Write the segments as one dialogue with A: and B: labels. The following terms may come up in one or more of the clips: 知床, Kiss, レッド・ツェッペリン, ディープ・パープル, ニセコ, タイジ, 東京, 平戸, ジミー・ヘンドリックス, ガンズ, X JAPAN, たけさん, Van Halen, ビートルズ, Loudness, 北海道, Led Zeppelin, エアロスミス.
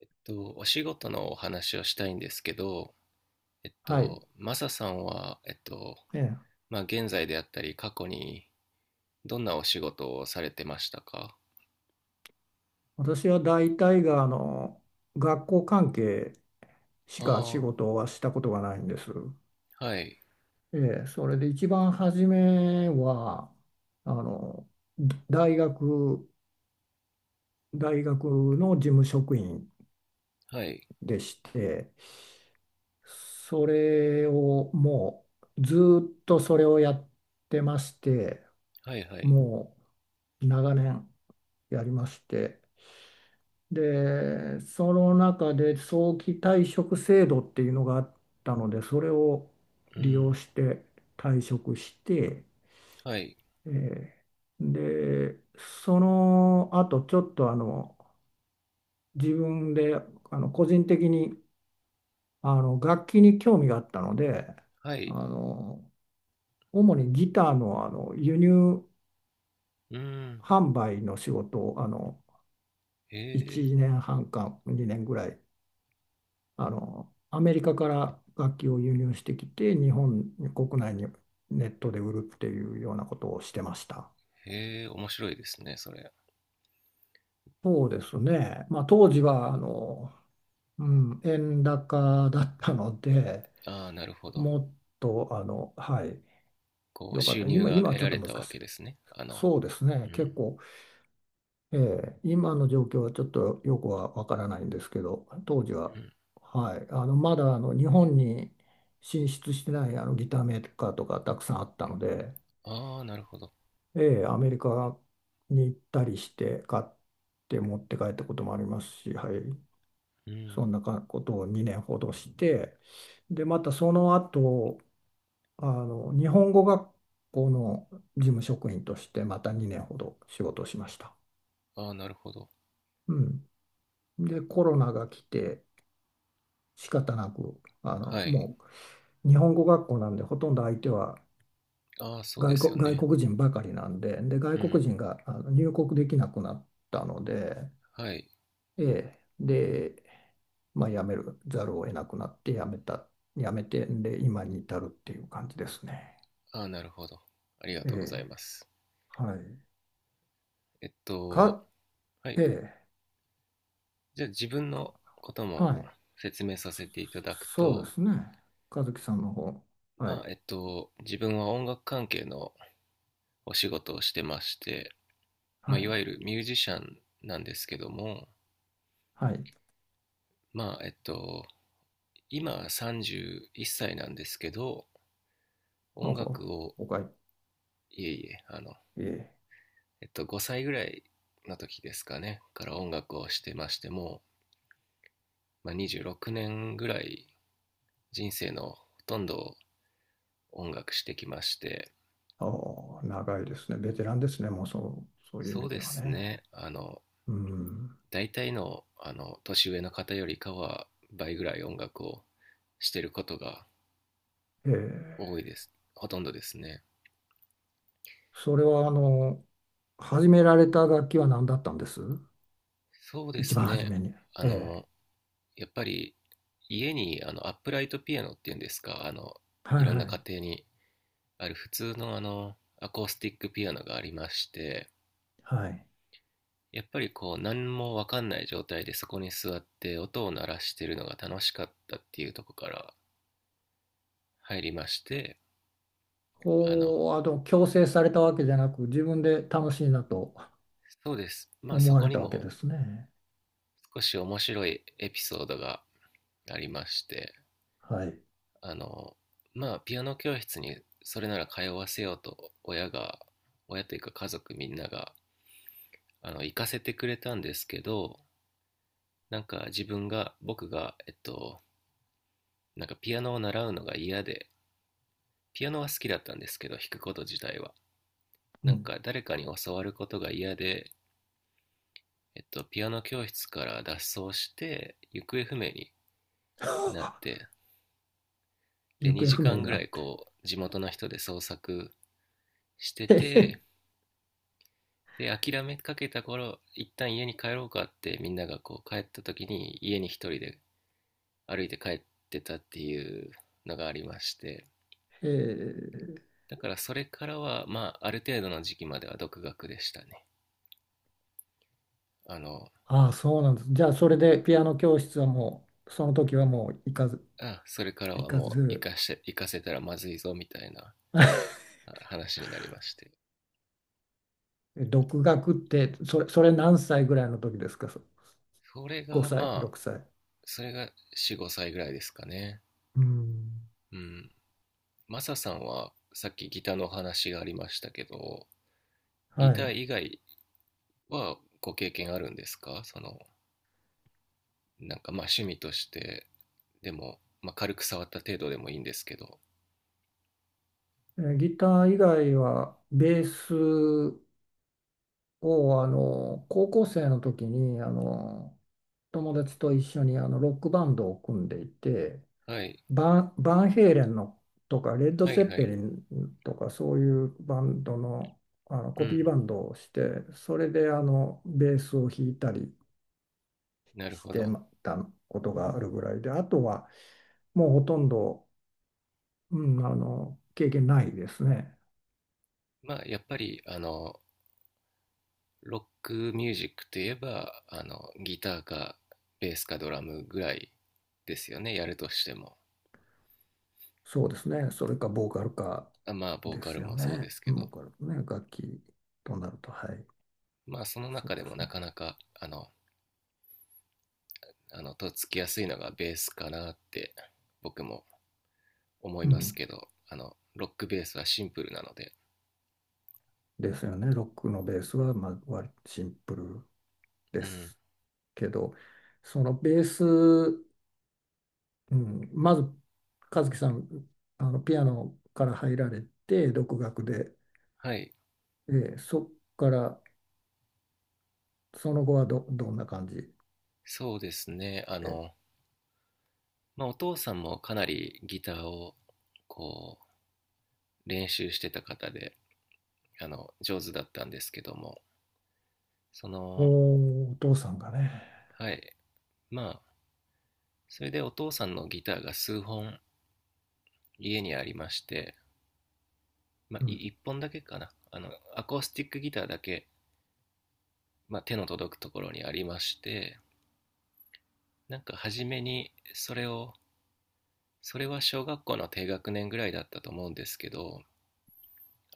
A: お仕事のお話をしたいんですけど、
B: はい。
A: マサさんは、
B: ええ、
A: まあ、現在であったり、過去にどんなお仕事をされてましたか？
B: 私は大体が学校関係しか仕
A: あ
B: 事はしたことがないんです。
A: あ、はい、
B: ええ、それで一番初めはあの大学、大学の事務職員
A: はい、
B: でして、それをもうずっとそれをやってまして、
A: はい、はい、
B: もう長年やりまして、で、その中で早期退職制度っていうのがあったので、それを
A: う
B: 利用
A: ん、
B: して退職して、
A: はい、
B: えーで、その後ちょっと自分で個人的に楽器に興味があったので、
A: は
B: あ
A: い、
B: の主にギターの、輸入
A: うん、
B: 販売の仕事を
A: へえ、
B: 1年半か2年ぐらいアメリカから楽器を輸入してきて日本国内にネットで売るっていうようなことをしてました。
A: へえ、面白いですね、それ。
B: そうですね。まあ、当時は円高だったので、
A: ああ、なるほど。
B: もっとはい、
A: こう、
B: よかっ
A: 収
B: た。
A: 入
B: 今、
A: が
B: 今は
A: 得
B: ちょ
A: ら
B: っと
A: れ
B: 難
A: たわ
B: しい。
A: けですね。
B: そうです
A: う
B: ね、
A: ん、
B: 結構、ええ、今の状況はちょっとよくはわからないんですけど、当時
A: う
B: は、
A: ん、
B: はい、まだ日本に進出してないギターメーカーとかたくさんあったので。
A: ああ、なるほど。
B: ええ、アメリカに行ったりして買って持って帰ったこともありますし、はい、
A: うん、
B: そんなかことを2年ほどして、で、またその後、日本語学校の事務職員としてまた2年ほど仕事をしました。
A: ああ、なるほど。
B: うん。で、コロナが来て仕方なく、
A: はい、
B: もう日本語学校なんでほとんど相手は
A: ああ、そうで
B: 外
A: すよ
B: 国、外
A: ね。
B: 国人ばかりなんで、で、外
A: うん、
B: 国人が入国できなくなったので、
A: はい。
B: ええ、で、まあ、辞めるざるを得なくなって辞めて、で、今に至るっていう感じですね。
A: ああ、なるほど。ありが
B: え
A: とうござい
B: え、
A: ます。
B: はい。
A: えっと、
B: か、
A: は
B: え
A: い。
B: え、
A: じゃあ自分
B: か、
A: のことも
B: はい。
A: 説明させていただく
B: そそうで
A: と、
B: すね。和樹さんの方。は
A: ま
B: い。
A: あ、自分は音楽関係のお仕事をしてまして、
B: は
A: まあ、い
B: い。
A: わゆるミュージシャンなんですけども、
B: はい。
A: まあ、今31歳なんですけど、
B: あ
A: 音楽
B: あ、
A: を、
B: おかい。
A: いえいえ、
B: ええ。
A: 5歳ぐらいの時ですかね、から音楽をしてましても、まあ、26年ぐらい人生のほとんどを音楽してきまして、
B: ああ、長いですね。ベテランですね。もうそういう意
A: そう
B: 味
A: で
B: では
A: す
B: ね。
A: ね、
B: うん。
A: 大体の、年上の方よりかは倍ぐらい音楽をしてることが
B: ええ。
A: 多いです。ほとんどですね。
B: それは、始められた楽器は何だったんです、
A: そうで
B: 一
A: す
B: 番初
A: ね、
B: めに。
A: あ
B: ええ。
A: の、やっぱり家にアップライトピアノっていうんですか、
B: は
A: い
B: い
A: ろん
B: は
A: な家
B: い。
A: 庭にある普通のアコースティックピアノがありまして、
B: はい。
A: やっぱりこう何も分かんない状態でそこに座って音を鳴らしてるのが楽しかったっていうところから入りまして、あの、
B: こう、強制されたわけじゃなく、自分で楽しいなと
A: そうです。まあ
B: 思
A: そ
B: わ
A: こ
B: れ
A: に
B: たわけ
A: も
B: ですね。
A: 少し面白いエピソードがありまして、
B: はい。
A: あの、まあピアノ教室にそれなら通わせようと親が、親というか家族みんなが、行かせてくれたんですけど、なんか自分が、僕が、なんかピアノを習うのが嫌で、ピアノは好きだったんですけど、弾くこと自体は。
B: う
A: なん
B: ん。
A: か誰かに教わることが嫌で、ピアノ教室から脱走して行方不明になっ て、で
B: 行方
A: 2
B: 不
A: 時
B: 明
A: 間
B: に
A: ぐ
B: な
A: らい
B: って。
A: こう地元の人で捜索してて、 で諦めかけた頃一旦家に帰ろうかってみんながこう帰った時に家に一人で歩いて帰ってたっていうのがありまして。
B: えー、
A: だからそれからはまあある程度の時期までは独学でしたね。あの
B: ああ、そうなんです。じゃあ、それでピアノ教室はもう、その時はもう行かず、
A: それから
B: 行
A: は
B: か
A: もう
B: ず、
A: 行かせたらまずいぞみたいな 話になりまして。
B: 独学って、それ何歳ぐらいの時ですか、そ
A: それ
B: ?5
A: が
B: 歳、
A: まあ
B: 6歳。
A: それが45歳ぐらいですかね。
B: うん。
A: うん。マサさんはさっきギターのお話がありましたけど、
B: は
A: ギター
B: い。
A: 以外はご経験あるんですか？その、なんかまあ趣味として、でも、まあ軽く触った程度でもいいんですけど。
B: えー、ギター以外は、ベースを高校生の時に友達と一緒にロックバンドを組んでいて、
A: はい、
B: バンヘイレンのとかレッド・
A: はい
B: ゼッ
A: は
B: ペ
A: い。
B: リンとかそういうバンドの、
A: う
B: コピー
A: ん、
B: バンドをして、それでベースを弾いたり
A: なる
B: し
A: ほ
B: て
A: ど。
B: たことがあるぐらいで、あとはもうほとんど、うん、経験ないですね。
A: まあやっぱり、ロックミュージックといえば、ギターかベースかドラムぐらいですよね、やるとしても。
B: そうですね。それかボーカルか
A: まあボー
B: で
A: カル
B: すよ
A: もそうで
B: ね。
A: すけ
B: ボ
A: ど。
B: ーカルね、楽器となると、はい、
A: まあその
B: そう
A: 中で
B: で
A: も
B: す
A: な
B: ね。
A: かなか、とっつきやすいのがベースかなって僕も思い
B: う
A: ま
B: ん、
A: すけど、ロックベースはシンプルなので。
B: ですよね。ロックのベースは、まあ、割とシンプル
A: う
B: で
A: ん。
B: すけど、そのベース、うん、まず、和樹さん、ピアノから入られて、独学で、
A: はい。
B: そこから、その後はどんな感じ
A: そうですね、
B: で。
A: まあ、お父さんもかなりギターをこう練習してた方で、上手だったんですけども。その
B: おー、お父さんがね。
A: はい。まあそれでお父さんのギターが数本家にありまして、まあ、
B: うん。
A: 1本だけかな、アコースティックギターだけ、まあ、手の届くところにありまして。なんか初めにそれを、それは小学校の低学年ぐらいだったと思うんですけど、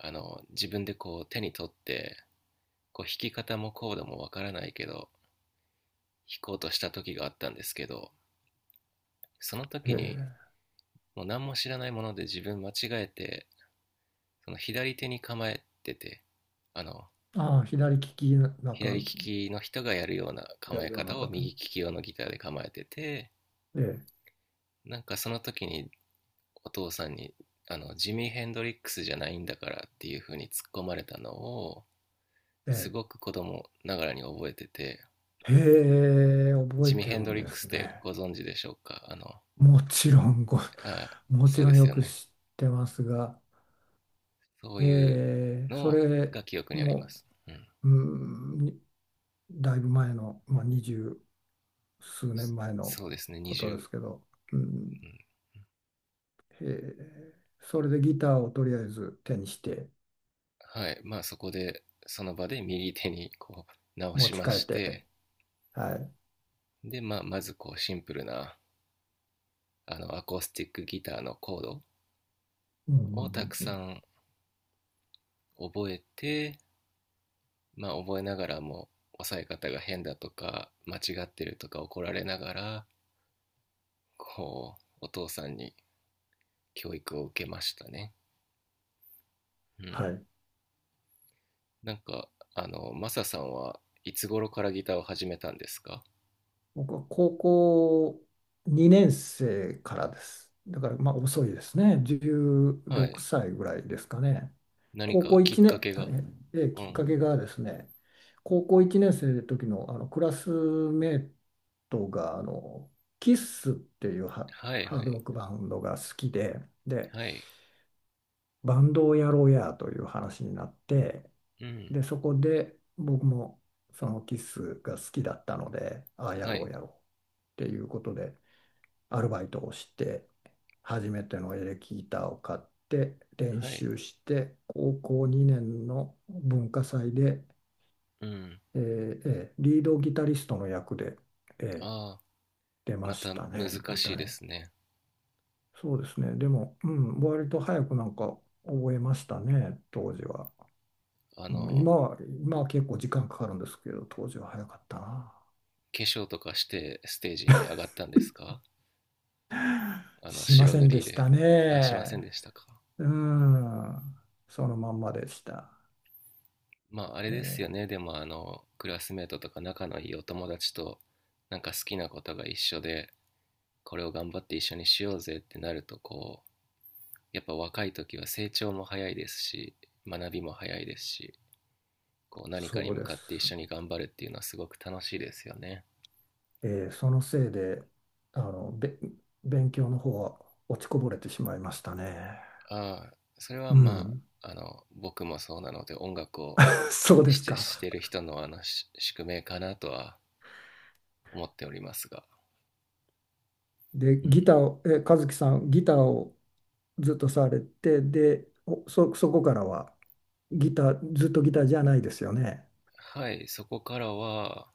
A: 自分でこう手に取って、こう弾き方もコードもわからないけど弾こうとした時があったんですけど。その
B: へ
A: 時に
B: え。
A: もう何も知らないもので自分間違えて、その左手に構えてて、あの
B: ああ、左利き
A: 左利きの人がやるような
B: や
A: 構
B: る
A: え
B: ような
A: 方を
B: 方。
A: 右利き用のギターで構えてて、
B: ええ、
A: なんかその時にお父さんにジミー・ヘンドリックスじゃないんだからっていう風に突っ込まれたのを
B: え
A: す
B: え。
A: ごく子供ながらに覚えてて。
B: へえ、覚
A: ジ
B: え
A: ミー・
B: て
A: ヘン
B: る
A: ド
B: ん
A: リッ
B: で
A: クス
B: す
A: って
B: ね。
A: ご存知でしょうか？
B: もちろんご、
A: あ
B: もち
A: そう
B: ろ
A: で
B: ん
A: す
B: よ
A: よ
B: く
A: ね、
B: 知ってますが、
A: そう
B: え
A: いう
B: え、そ
A: の
B: れ
A: が記憶にありま
B: も、
A: す、うん、
B: うん、にだいぶ前の、まあ、二十数年前の
A: そうですね
B: こ
A: 20、
B: と
A: う
B: で
A: ん、
B: すけど、うん、へえ、それでギターをとりあえず手にして
A: はい。まあそこでその場で右手にこう直
B: 持
A: し
B: ち
A: ま
B: 帰っ
A: し
B: て、
A: て。
B: はい。
A: で、まあ、まずこうシンプルなアコースティックギターのコード
B: うんうん。う
A: をた
B: ん
A: く
B: う
A: さ
B: ん。
A: ん覚えて、まあ覚えながらも抑え方が変だとか間違ってるとか怒られながら、こうお父さんに教育を受けましたね。う
B: は
A: ん。
B: い。
A: なんかマサさんはいつ頃からギターを始めたんですか？
B: 僕は高校2年生からです。だからまあ遅いですね。
A: は
B: 16
A: い。
B: 歳ぐらいですかね。
A: 何
B: 高校
A: かきっ
B: 1
A: か
B: 年、
A: け
B: あ
A: が。
B: ええ、
A: う
B: きっ
A: ん。
B: かけがですね、高校1年生の時の、あのクラスメートがキッスっていう
A: はい
B: ハ
A: は
B: ードロ
A: い
B: ックバンドが好きで、で、
A: はい。
B: バンドをやろうやという話になって、
A: うん。
B: で、そこで僕もそのキスが好きだったので、ああや
A: は
B: ろ
A: い
B: うやろうっていうことで、アルバイトをして、初めてのエレキギターを買って、練
A: はい。
B: 習して、高校2年の文化祭で、
A: うん。
B: リードギタリストの役で、えー
A: ああ、
B: 出ま
A: また
B: した
A: 難
B: ね、舞
A: しいで
B: 台。
A: すね。
B: そうですね、でも、うん、割と早くなんか覚えましたね、当時は。
A: あ
B: うん、
A: の
B: 今は結構時間かかるんですけど、当時は早かったな。
A: 化粧とかしてステージに上がったんですか？
B: しま
A: 白
B: せ
A: 塗
B: んで
A: り
B: し
A: で。
B: た
A: しません
B: ね。
A: でしたか？
B: うん、そのまんまでした。
A: まああれですよ
B: え
A: ね、
B: え、
A: でもクラスメートとか仲のいいお友達となんか好きなことが一緒で、これを頑張って一緒にしようぜってなると、こうやっぱ若い時は成長も早いですし、学びも早いですし、こう何かに
B: そう
A: 向
B: で
A: かって一
B: す。
A: 緒に頑張るっていうのはすごく楽しいですよね。
B: ええ、そのせいで、あの、べ、勉強の方は落ちこぼれてしまいましたね。
A: ああそれは
B: う
A: ま
B: ん、
A: あ僕もそうなので、音楽を
B: そうですか。
A: してる人の宿命かなとは思っておりますが、
B: で、
A: う
B: ギ
A: ん、
B: ターを、え、和樹さん、ギターをずっとされて、で、そこからは、ギター、ずっとギターじゃないですよね。
A: はい、そこからは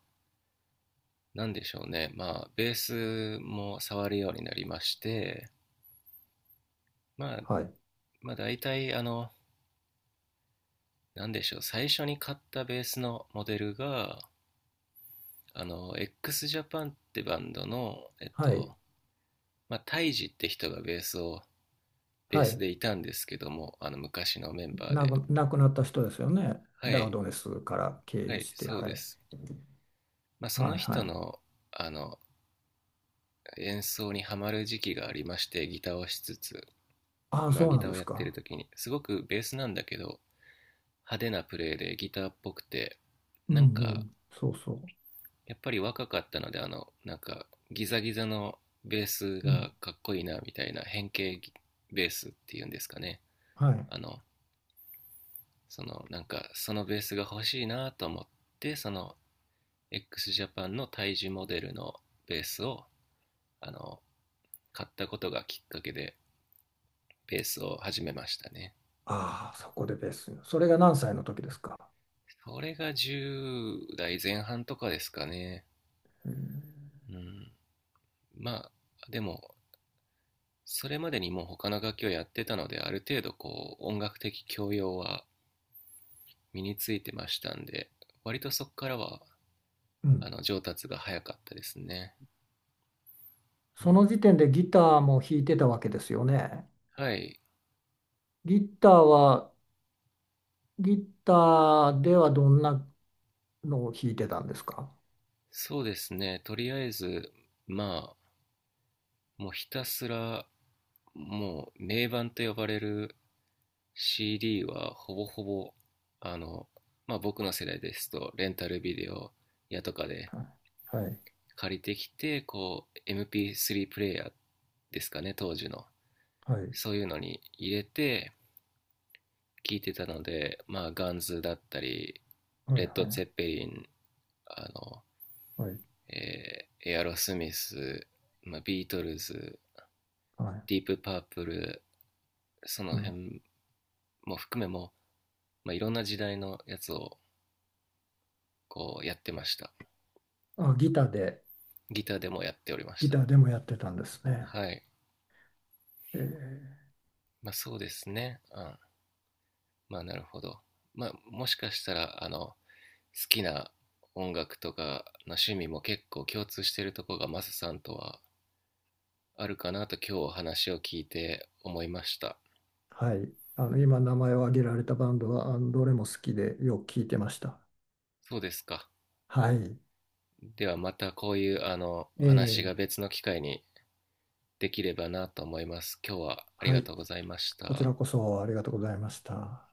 A: なんでしょうね。まあ、ベースも触るようになりまして、まあ、
B: はい。
A: まあ、大体、なんでしょう、最初に買ったベースのモデルが、あの、XJAPAN ってバンドの、
B: はい。
A: まあ、タイジって人がベースを、ベ
B: は
A: ース
B: い。
A: でいたんですけども、昔のメンバー
B: な
A: で。
B: く、亡くなった人ですよね。
A: は
B: ラウ
A: い、
B: ドネスから経
A: は
B: 由
A: い、
B: して、
A: そう
B: は
A: で
B: い。
A: す。まあ、その
B: はいは
A: 人
B: い。
A: の、あの、演奏にハマる時期がありまして、ギターをしつつ、
B: ああ、
A: まあ、
B: そう
A: ギ
B: なん
A: ター
B: で
A: を
B: す
A: やって
B: か。
A: る時に、すごくベースなんだけど、派手なプレーでギターっぽくて、
B: うん
A: なん
B: う
A: か、
B: ん。そうそ
A: やっぱり若かったので、ギザギザのベース
B: う。うん。
A: がかっこいいな、みたいな変形ベースっていうんですかね。
B: はい。
A: あの、そのベースが欲しいなと思って、その、x ジャパンの胎児モデルのベースを、あの、買ったことがきっかけで、ベースを始めましたね。
B: ああ、そこでベース。それが何歳の時ですか。
A: それが10代前半とかですかね。
B: うん
A: うん。まあ、でも、それまでにもう他の楽器をやってたので、ある程度こう音楽的教養は身についてましたんで、割とそこからは
B: うん。
A: 上達が早かったですね。う
B: そ
A: ん、
B: の時点でギターも弾いてたわけですよね。
A: はい、
B: ギターは、ギターではどんなのを弾いてたんですか。
A: そうですね。とりあえず、まあ、もうひたすら、もう名盤と呼ばれる CD はほぼほぼ、あの、まあ僕の世代ですと、レンタルビデオやとかで
B: はい。はい。
A: 借りてきて、こう、MP3 プレイヤーですかね、当時の。
B: はい。
A: そういうのに入れて聴いてたので、まあ、ガンズだったり、
B: は
A: レ
B: い。
A: ッ
B: は
A: ド・ツェッ
B: い。
A: ペリン、あの、
B: はい。
A: エアロスミス、まあ、ビートルズ、
B: はい。
A: ディープ・パープル、その
B: うん。
A: 辺も含めも、まあ、いろんな時代のやつをこうやってました。
B: あ、ギターで、
A: ギターでもやっておりまし
B: ギ
A: た。
B: ターでもやってたんですね。
A: はい。
B: えー、
A: まあそうですね。うん。まあ、なるほど。まあ、もしかしたら、好きな音楽とかの趣味も結構共通しているところがマサさんとはあるかなと今日お話を聞いて思いました。
B: はい。あの、今名前を挙げられたバンドは、あの、どれも好きでよく聞いてました。
A: そうですか。
B: はい。
A: ではまたこういうあの
B: え
A: 話
B: ー、
A: が別の機会にできればなと思います。今日はあり
B: は
A: が
B: い。
A: とうございまし
B: こちら
A: た。
B: こそありがとうございました。